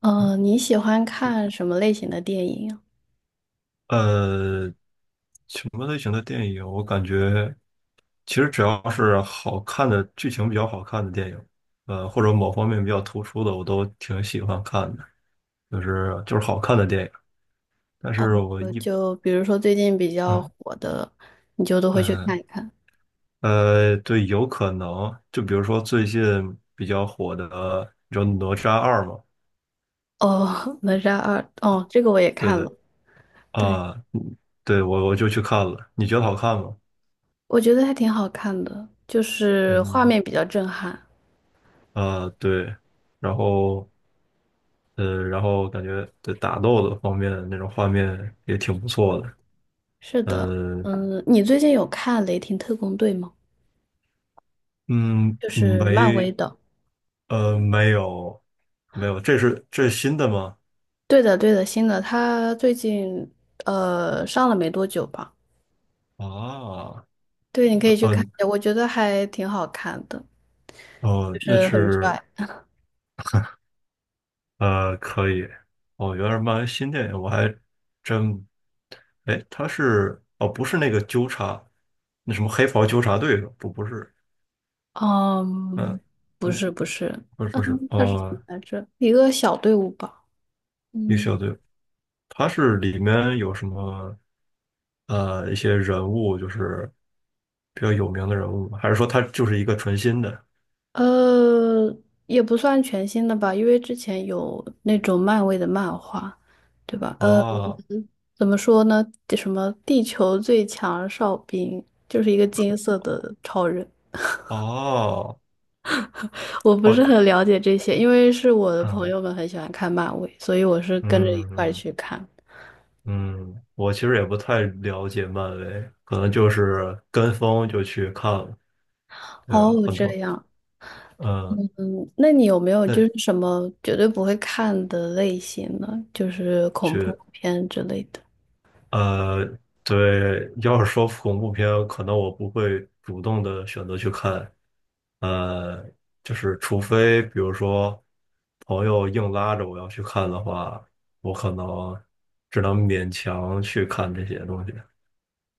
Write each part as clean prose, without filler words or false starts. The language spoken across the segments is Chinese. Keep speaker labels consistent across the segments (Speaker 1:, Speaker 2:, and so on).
Speaker 1: 嗯，你喜欢看什么类型的电影啊？
Speaker 2: 呃，什么类型的电影？我感觉其实只要是好看的剧情比较好看的电影，或者某方面比较突出的，我都挺喜欢看的，就是好看的电影。但是
Speaker 1: 哦，
Speaker 2: 我
Speaker 1: 呃
Speaker 2: 一
Speaker 1: 就比如说最近比较
Speaker 2: 嗯
Speaker 1: 火的，你就都会去看
Speaker 2: 嗯
Speaker 1: 一看。
Speaker 2: 呃，对，有可能就比如说最近比较火的，你知道《哪吒二》吗？
Speaker 1: 哦，《哪吒二》哦，这个我也
Speaker 2: 对
Speaker 1: 看
Speaker 2: 对
Speaker 1: 了，对，
Speaker 2: 啊，嗯对我就去看了，你觉得好看吗？
Speaker 1: 我觉得还挺好看的，就是画
Speaker 2: 嗯
Speaker 1: 面比较震撼。
Speaker 2: 啊，对，然后。然后感觉对打斗的方面那种画面也挺不错的。
Speaker 1: 是的，
Speaker 2: 呃，
Speaker 1: 嗯，你最近有看《雷霆特工队》吗？
Speaker 2: 嗯，
Speaker 1: 就是漫威
Speaker 2: 没，
Speaker 1: 的。
Speaker 2: 没有，没有，这是新的吗？
Speaker 1: 对的，对的，新的，他最近上了没多久吧？
Speaker 2: 啊，
Speaker 1: 对，你可以去看
Speaker 2: 嗯，
Speaker 1: 一下，我觉得还挺好看的，
Speaker 2: 哦，
Speaker 1: 就
Speaker 2: 那
Speaker 1: 是很
Speaker 2: 是
Speaker 1: 帅。
Speaker 2: 可以。哦，原来是漫威新电影，我还真，哎，他是哦，不是那个纠察，那什么黑袍纠察队是吧不不是，
Speaker 1: 嗯，
Speaker 2: 嗯
Speaker 1: 不
Speaker 2: 嗯，
Speaker 1: 是不是，
Speaker 2: 不是
Speaker 1: 嗯，
Speaker 2: 不是，
Speaker 1: 它是怎么
Speaker 2: 哦，
Speaker 1: 来着？一个小队伍吧。
Speaker 2: 一个
Speaker 1: 嗯，
Speaker 2: 小队，它是里面有什么一些人物，就是比较有名的人物吗？还是说它就是一个纯新的？
Speaker 1: 呃，也不算全新的吧，因为之前有那种漫威的漫画，对吧？呃，
Speaker 2: 哦
Speaker 1: 怎么说呢？什么地球最强哨兵，就是一个金色的超人。
Speaker 2: 哦
Speaker 1: 我不是
Speaker 2: 哦，
Speaker 1: 很了解这些，因为是我的朋
Speaker 2: 嗯
Speaker 1: 友们很喜欢看漫威，所以我是跟着一
Speaker 2: 嗯
Speaker 1: 块儿
Speaker 2: 嗯
Speaker 1: 去看。
Speaker 2: 嗯，我其实也不太了解漫威，可能就是跟风就去看了，对，
Speaker 1: 哦，
Speaker 2: 很
Speaker 1: 这
Speaker 2: 多
Speaker 1: 样。
Speaker 2: 嗯，
Speaker 1: 嗯，那你有没有就是
Speaker 2: 那
Speaker 1: 什么绝对不会看的类型呢？就是恐怖
Speaker 2: 去。
Speaker 1: 片之类的。
Speaker 2: 呃，对，要是说恐怖片，可能我不会主动的选择去看，呃，就是除非比如说朋友硬拉着我要去看的话，我可能只能勉强去看这些东西，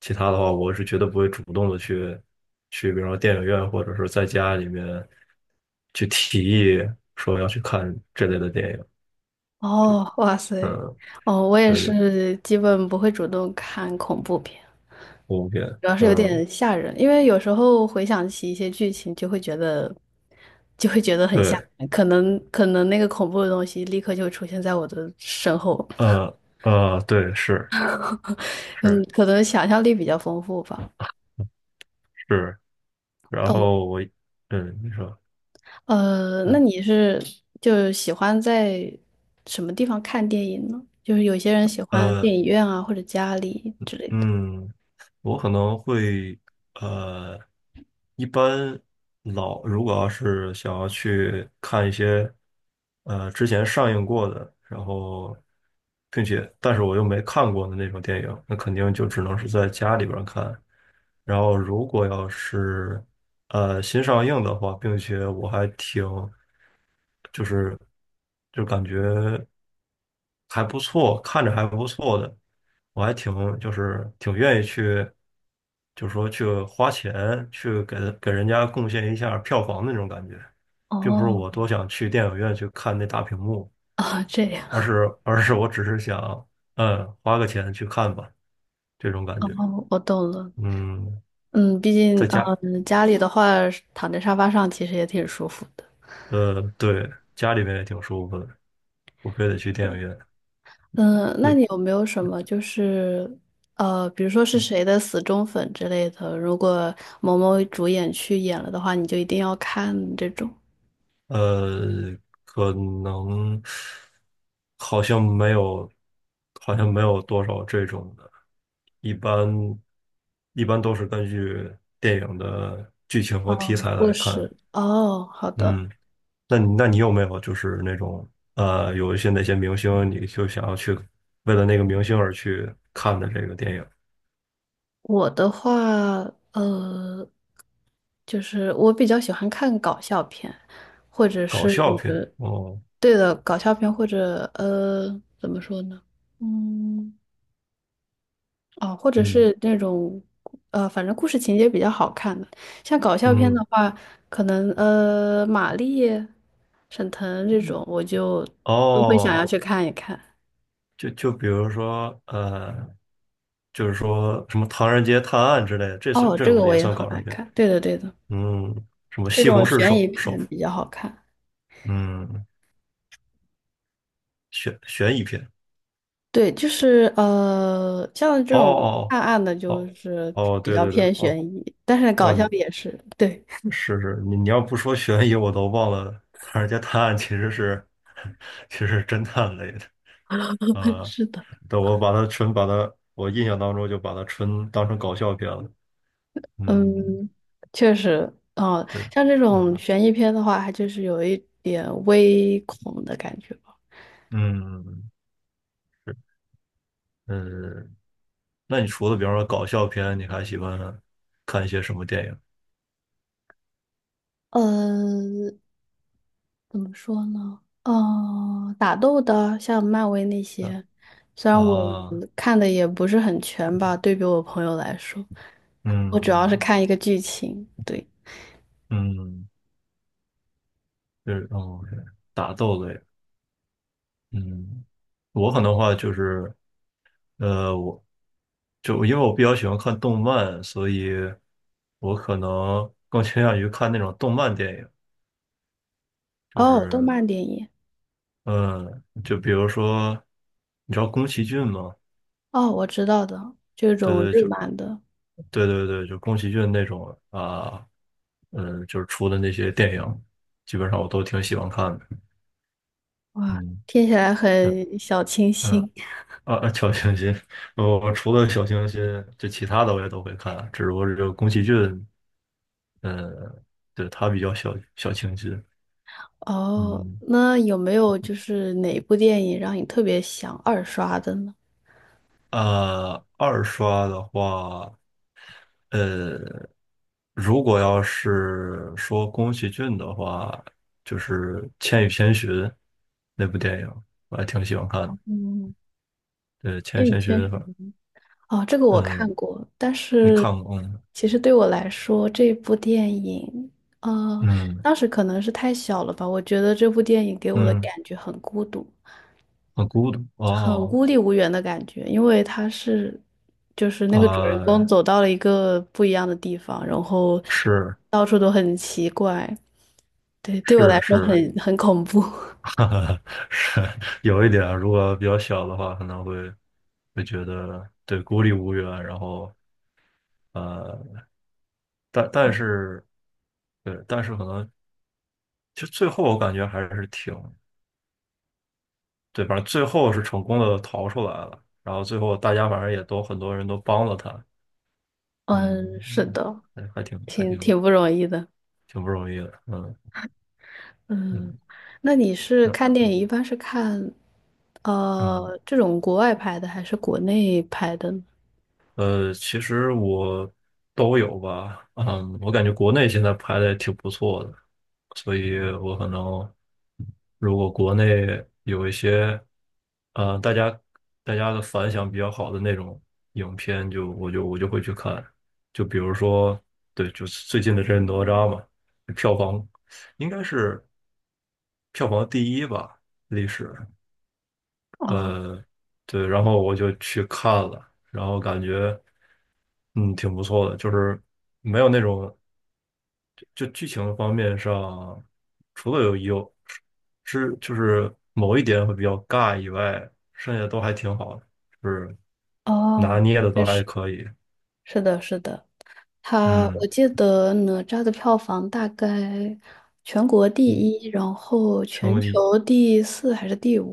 Speaker 2: 其他的话，我是绝对不会主动的去，比如说电影院或者是在家里面去提议说要去看这类的电影，对，
Speaker 1: 哦，哇塞，
Speaker 2: 嗯，
Speaker 1: 哦，我也
Speaker 2: 对对，
Speaker 1: 是基本不会主动看恐怖片，
Speaker 2: 恐怖片，
Speaker 1: 主要是有
Speaker 2: 嗯，
Speaker 1: 点吓人，因为有时候回想起一些剧情，就会觉得很吓
Speaker 2: 对。
Speaker 1: 人，可能那个恐怖的东西立刻就出现在我的身后，
Speaker 2: 对，是
Speaker 1: 嗯，
Speaker 2: 是
Speaker 1: 可能想象力比较丰富吧。
Speaker 2: 是，然后我，嗯，你说，
Speaker 1: 呃，那
Speaker 2: 嗯
Speaker 1: 你是就喜欢在什么地方看电影呢？就是有些人喜欢
Speaker 2: 呃
Speaker 1: 电影院啊，或者家里之类的。
Speaker 2: 嗯，我可能会呃，一般老如果要是想要去看一些之前上映过的，然后并且但是我又没看过的那种电影，那肯定就只能是在家里边儿看。然后如果要是新上映的话，并且我还挺就是就感觉。还不错，看着还不错的，我还挺就是挺愿意去，就是说去花钱去给给人家贡献一下票房的那种感觉，并不是
Speaker 1: 哦
Speaker 2: 我多想去电影院去看那大屏幕，
Speaker 1: 啊，这样。
Speaker 2: 而 是而是我只是想，嗯，花个钱去看吧，这种感觉。
Speaker 1: 哦，我懂了。
Speaker 2: 嗯，
Speaker 1: 嗯，毕竟，
Speaker 2: 在家，
Speaker 1: 嗯，家里的话，躺在沙发上其实也挺舒服的。
Speaker 2: 对，家里面也挺舒服的，我非得去电影院。
Speaker 1: 嗯，那
Speaker 2: 那
Speaker 1: 你有没有什么就是，呃，比如说是谁的死忠粉之类的，如果某某主演去演了的话，你就一定要看这种？
Speaker 2: 呃，可能好像没有，好像没有多少这种的，一般一般都是根据电影的剧情和题
Speaker 1: 哦，
Speaker 2: 材
Speaker 1: 不
Speaker 2: 来看。
Speaker 1: 是。哦，好的。
Speaker 2: 嗯，那你有没有就是那种有一些哪些明星你就想要去为了那个明星而去看的这个电影？
Speaker 1: 我的话，呃，就是我比较喜欢看搞笑片，或者
Speaker 2: 搞
Speaker 1: 是
Speaker 2: 笑片哦，
Speaker 1: 对的搞笑片，或者呃，怎么说呢？嗯，哦，或者
Speaker 2: 嗯
Speaker 1: 是那种反正故事情节比较好看的。像搞笑片
Speaker 2: 嗯
Speaker 1: 的话，可能马丽、沈腾这种，我就都会想
Speaker 2: 哦。
Speaker 1: 要去看一看。
Speaker 2: 就就比如说，就是说什么《唐人街探案》之类的，这是
Speaker 1: 哦，
Speaker 2: 这
Speaker 1: 这
Speaker 2: 种
Speaker 1: 个我
Speaker 2: 也
Speaker 1: 也
Speaker 2: 算
Speaker 1: 很
Speaker 2: 搞笑
Speaker 1: 爱
Speaker 2: 片。
Speaker 1: 看。对的，对的，
Speaker 2: 嗯，什么
Speaker 1: 这
Speaker 2: 《西红
Speaker 1: 种
Speaker 2: 柿
Speaker 1: 悬疑
Speaker 2: 首富》，
Speaker 1: 片比较好看。
Speaker 2: 嗯，悬疑片。
Speaker 1: 对，就是呃，像这
Speaker 2: 哦
Speaker 1: 种
Speaker 2: 哦
Speaker 1: 暗暗的，
Speaker 2: 哦
Speaker 1: 就是
Speaker 2: 哦，哦
Speaker 1: 比
Speaker 2: 对
Speaker 1: 较
Speaker 2: 对对，
Speaker 1: 偏
Speaker 2: 哦
Speaker 1: 悬疑，但是搞
Speaker 2: 哦，
Speaker 1: 笑
Speaker 2: 你
Speaker 1: 也是，对，
Speaker 2: 是是，你要不说悬疑，我都忘了《唐人街探案》其实是 其实是侦探类的。啊、
Speaker 1: 是的，
Speaker 2: 对，我把它纯把它，我印象当中就把它纯当成搞笑片了。嗯，
Speaker 1: 嗯，确实，哦，
Speaker 2: 是，
Speaker 1: 像这种
Speaker 2: 嗯
Speaker 1: 悬疑片的话，它就是有一点微恐的感觉吧。
Speaker 2: 嗯。嗯，那你除了比方说搞笑片，你还喜欢看一些什么电影？
Speaker 1: 呃，怎么说呢？呃，打斗的，像漫威那
Speaker 2: 啊？
Speaker 1: 些，虽然我
Speaker 2: 啊，
Speaker 1: 看的也不是很全吧，对比我朋友来说，我
Speaker 2: 嗯
Speaker 1: 主要是
Speaker 2: 嗯
Speaker 1: 看一个剧情，对。
Speaker 2: 嗯，就是哦，对打斗类。嗯，我可能的话就是，我就因为我比较喜欢看动漫，所以我可能更倾向于看那种动漫电影。就
Speaker 1: 哦，动
Speaker 2: 是，
Speaker 1: 漫电影，
Speaker 2: 嗯，就比如说，你知道宫崎骏吗？
Speaker 1: 哦，我知道的，这
Speaker 2: 对
Speaker 1: 种
Speaker 2: 对，
Speaker 1: 日
Speaker 2: 就
Speaker 1: 漫的，
Speaker 2: 对对对，就宫崎骏那种啊。嗯，就是出的那些电影，基本上我都挺喜欢看的。
Speaker 1: 哇，
Speaker 2: 嗯，
Speaker 1: 听起来
Speaker 2: 对，
Speaker 1: 很小清
Speaker 2: 嗯，
Speaker 1: 新。
Speaker 2: 啊，啊小清新，我除了小清新，就其他的我也都会看，只不过这个宫崎骏，呃，对，他比较小清新。
Speaker 1: 哦，
Speaker 2: 嗯，
Speaker 1: 那有没有就是哪部电影让你特别想二刷的呢？
Speaker 2: 啊，二刷的话，呃，如果要是说宫崎骏的话，就是《千与千寻》那部电影，我还挺喜欢看的。
Speaker 1: 嗯，
Speaker 2: 对，《千与
Speaker 1: 《冰与
Speaker 2: 千寻》，
Speaker 1: 千寻》哦，这个我看
Speaker 2: 嗯，
Speaker 1: 过，但
Speaker 2: 你
Speaker 1: 是
Speaker 2: 看过吗？
Speaker 1: 其实对我来说，这部电影，呃，
Speaker 2: 嗯
Speaker 1: 当时可能是太小了吧，我觉得这部电影给我的
Speaker 2: 嗯，
Speaker 1: 感觉很孤独。
Speaker 2: 很孤独
Speaker 1: 很
Speaker 2: 哦，
Speaker 1: 孤立无援的感觉，因为他是，就是那个主人公
Speaker 2: 呃，
Speaker 1: 走到了一个不一样的地方，然后
Speaker 2: 是
Speaker 1: 到处都很奇怪，对，对我来
Speaker 2: 是
Speaker 1: 说
Speaker 2: 是，
Speaker 1: 很恐怖。
Speaker 2: 哈哈，是有一点，如果比较小的话，可能会觉得对孤立无援，然后呃，但但是对，但是可能就最后我感觉还是挺对，反正最后是成功的逃出来了，然后最后大家反正也都很多人都帮了他，
Speaker 1: 嗯，是
Speaker 2: 嗯，
Speaker 1: 的，
Speaker 2: 还还挺还
Speaker 1: 挺
Speaker 2: 挺
Speaker 1: 挺不容易的。
Speaker 2: 挺不容易的，嗯
Speaker 1: 嗯，
Speaker 2: 嗯。
Speaker 1: 那你是
Speaker 2: 那
Speaker 1: 看电影一般是看
Speaker 2: 嗯，
Speaker 1: 这种国外拍的还是国内拍的呢？
Speaker 2: 其实我都有吧，嗯，我感觉国内现在拍的也挺不错的，所以我可能如果国内有一些，呃，大家大家的反响比较好的那种影片就，我就会去看，就比如说，对，就是最近的这哪吒嘛，票房应该是票房第一吧，历史。
Speaker 1: 哦
Speaker 2: 呃，对，然后我就去看了，然后感觉嗯挺不错的，就是没有那种就剧情方面上，除了有是就是某一点会比较尬以外，剩下都还挺好的，就是拿
Speaker 1: 哦，
Speaker 2: 捏的都
Speaker 1: 确
Speaker 2: 还
Speaker 1: 实
Speaker 2: 可以，
Speaker 1: 是的，是的。他我
Speaker 2: 嗯，
Speaker 1: 记得哪吒的票房大概全国第一，然后
Speaker 2: 成
Speaker 1: 全球
Speaker 2: 为
Speaker 1: 第4还是第5？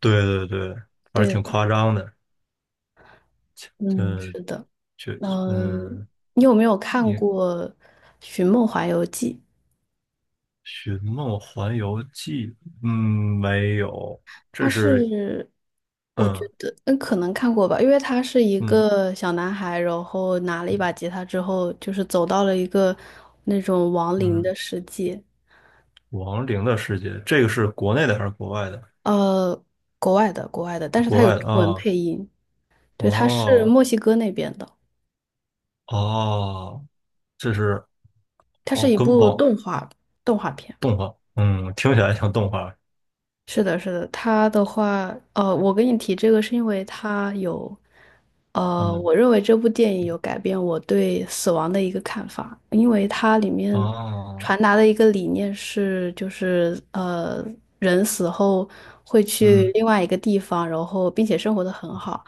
Speaker 2: 对对对，还是
Speaker 1: 对
Speaker 2: 挺
Speaker 1: 吧？
Speaker 2: 夸张的，
Speaker 1: 嗯，是
Speaker 2: 就
Speaker 1: 的。
Speaker 2: 就
Speaker 1: 嗯，
Speaker 2: 嗯，
Speaker 1: 你有没有看
Speaker 2: 你
Speaker 1: 过《寻梦环游记》？
Speaker 2: 《寻梦环游记》嗯没有，
Speaker 1: 它
Speaker 2: 这是。
Speaker 1: 是，我觉
Speaker 2: 嗯。
Speaker 1: 得，嗯，可能看过吧，因为他是一
Speaker 2: 嗯
Speaker 1: 个小男孩，然后拿了一把吉他之后，就是走到了一个那种亡灵
Speaker 2: 嗯，
Speaker 1: 的世界，
Speaker 2: 亡灵的世界，这个是国内的还是国外的？
Speaker 1: 呃，国外的，国外的，但是
Speaker 2: 国
Speaker 1: 他有
Speaker 2: 外的
Speaker 1: 中文
Speaker 2: 啊，
Speaker 1: 配音。对，它是
Speaker 2: 哦
Speaker 1: 墨西哥那边的，
Speaker 2: 哦，这是
Speaker 1: 它是
Speaker 2: 哦，
Speaker 1: 一
Speaker 2: 跟
Speaker 1: 部
Speaker 2: 网
Speaker 1: 动画动画片。
Speaker 2: 动画，嗯，听起来像动画，
Speaker 1: 是的，是的，它的话，呃，我跟你提这个是因为它有，呃，
Speaker 2: 嗯，
Speaker 1: 我认为这部电影有改变我对死亡的一个看法，因为它里面
Speaker 2: 哦，
Speaker 1: 传达的一个理念是，就是呃，人死后会去
Speaker 2: 嗯
Speaker 1: 另外一个地方，然后并且生活的很好。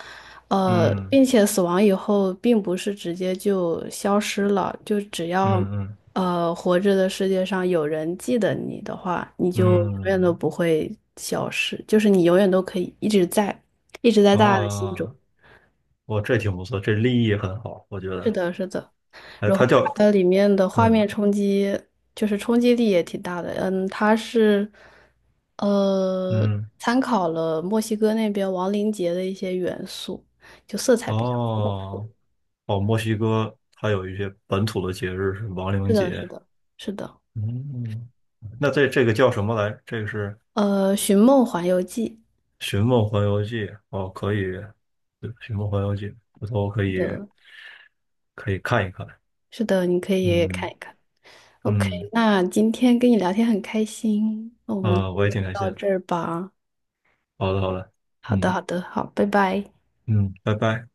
Speaker 1: 呃，
Speaker 2: 嗯
Speaker 1: 并且死亡以后并不是直接就消失了，就只要
Speaker 2: 嗯嗯
Speaker 1: 呃，活着的世界上有人记得你的话，你就永远都
Speaker 2: 嗯，
Speaker 1: 不会消失，就是你永远都可以一直在，一直在
Speaker 2: 啊，
Speaker 1: 大家的心中。
Speaker 2: 哦，这挺不错，这立意很好，我觉
Speaker 1: 是
Speaker 2: 得，
Speaker 1: 的，是的。
Speaker 2: 哎，
Speaker 1: 然后
Speaker 2: 它叫，
Speaker 1: 它的里面的画面
Speaker 2: 嗯
Speaker 1: 冲击，就是冲击力也挺大的。嗯，它是呃
Speaker 2: 嗯，
Speaker 1: 参考了墨西哥那边亡灵节的一些元素，就色彩比较丰富。
Speaker 2: 哦哦，墨西哥它有一些本土的节日是亡
Speaker 1: 是
Speaker 2: 灵
Speaker 1: 的，是
Speaker 2: 节，
Speaker 1: 的，是的。
Speaker 2: 嗯，那这个叫什么来？这个是
Speaker 1: 呃，《寻梦环游记》
Speaker 2: 《寻梦环游记》哦，可以，对《寻梦环游记》，回头可
Speaker 1: 是
Speaker 2: 以
Speaker 1: 的，
Speaker 2: 可以看一看。
Speaker 1: 是的，你可以看
Speaker 2: 嗯
Speaker 1: 一看。OK，
Speaker 2: 嗯，
Speaker 1: 那今天跟你聊天很开心，那我们就
Speaker 2: 啊、我也挺开心
Speaker 1: 到
Speaker 2: 的。
Speaker 1: 这儿吧。
Speaker 2: 好的好的，
Speaker 1: 好的，
Speaker 2: 嗯
Speaker 1: 好的，好，拜拜。
Speaker 2: 嗯，拜拜。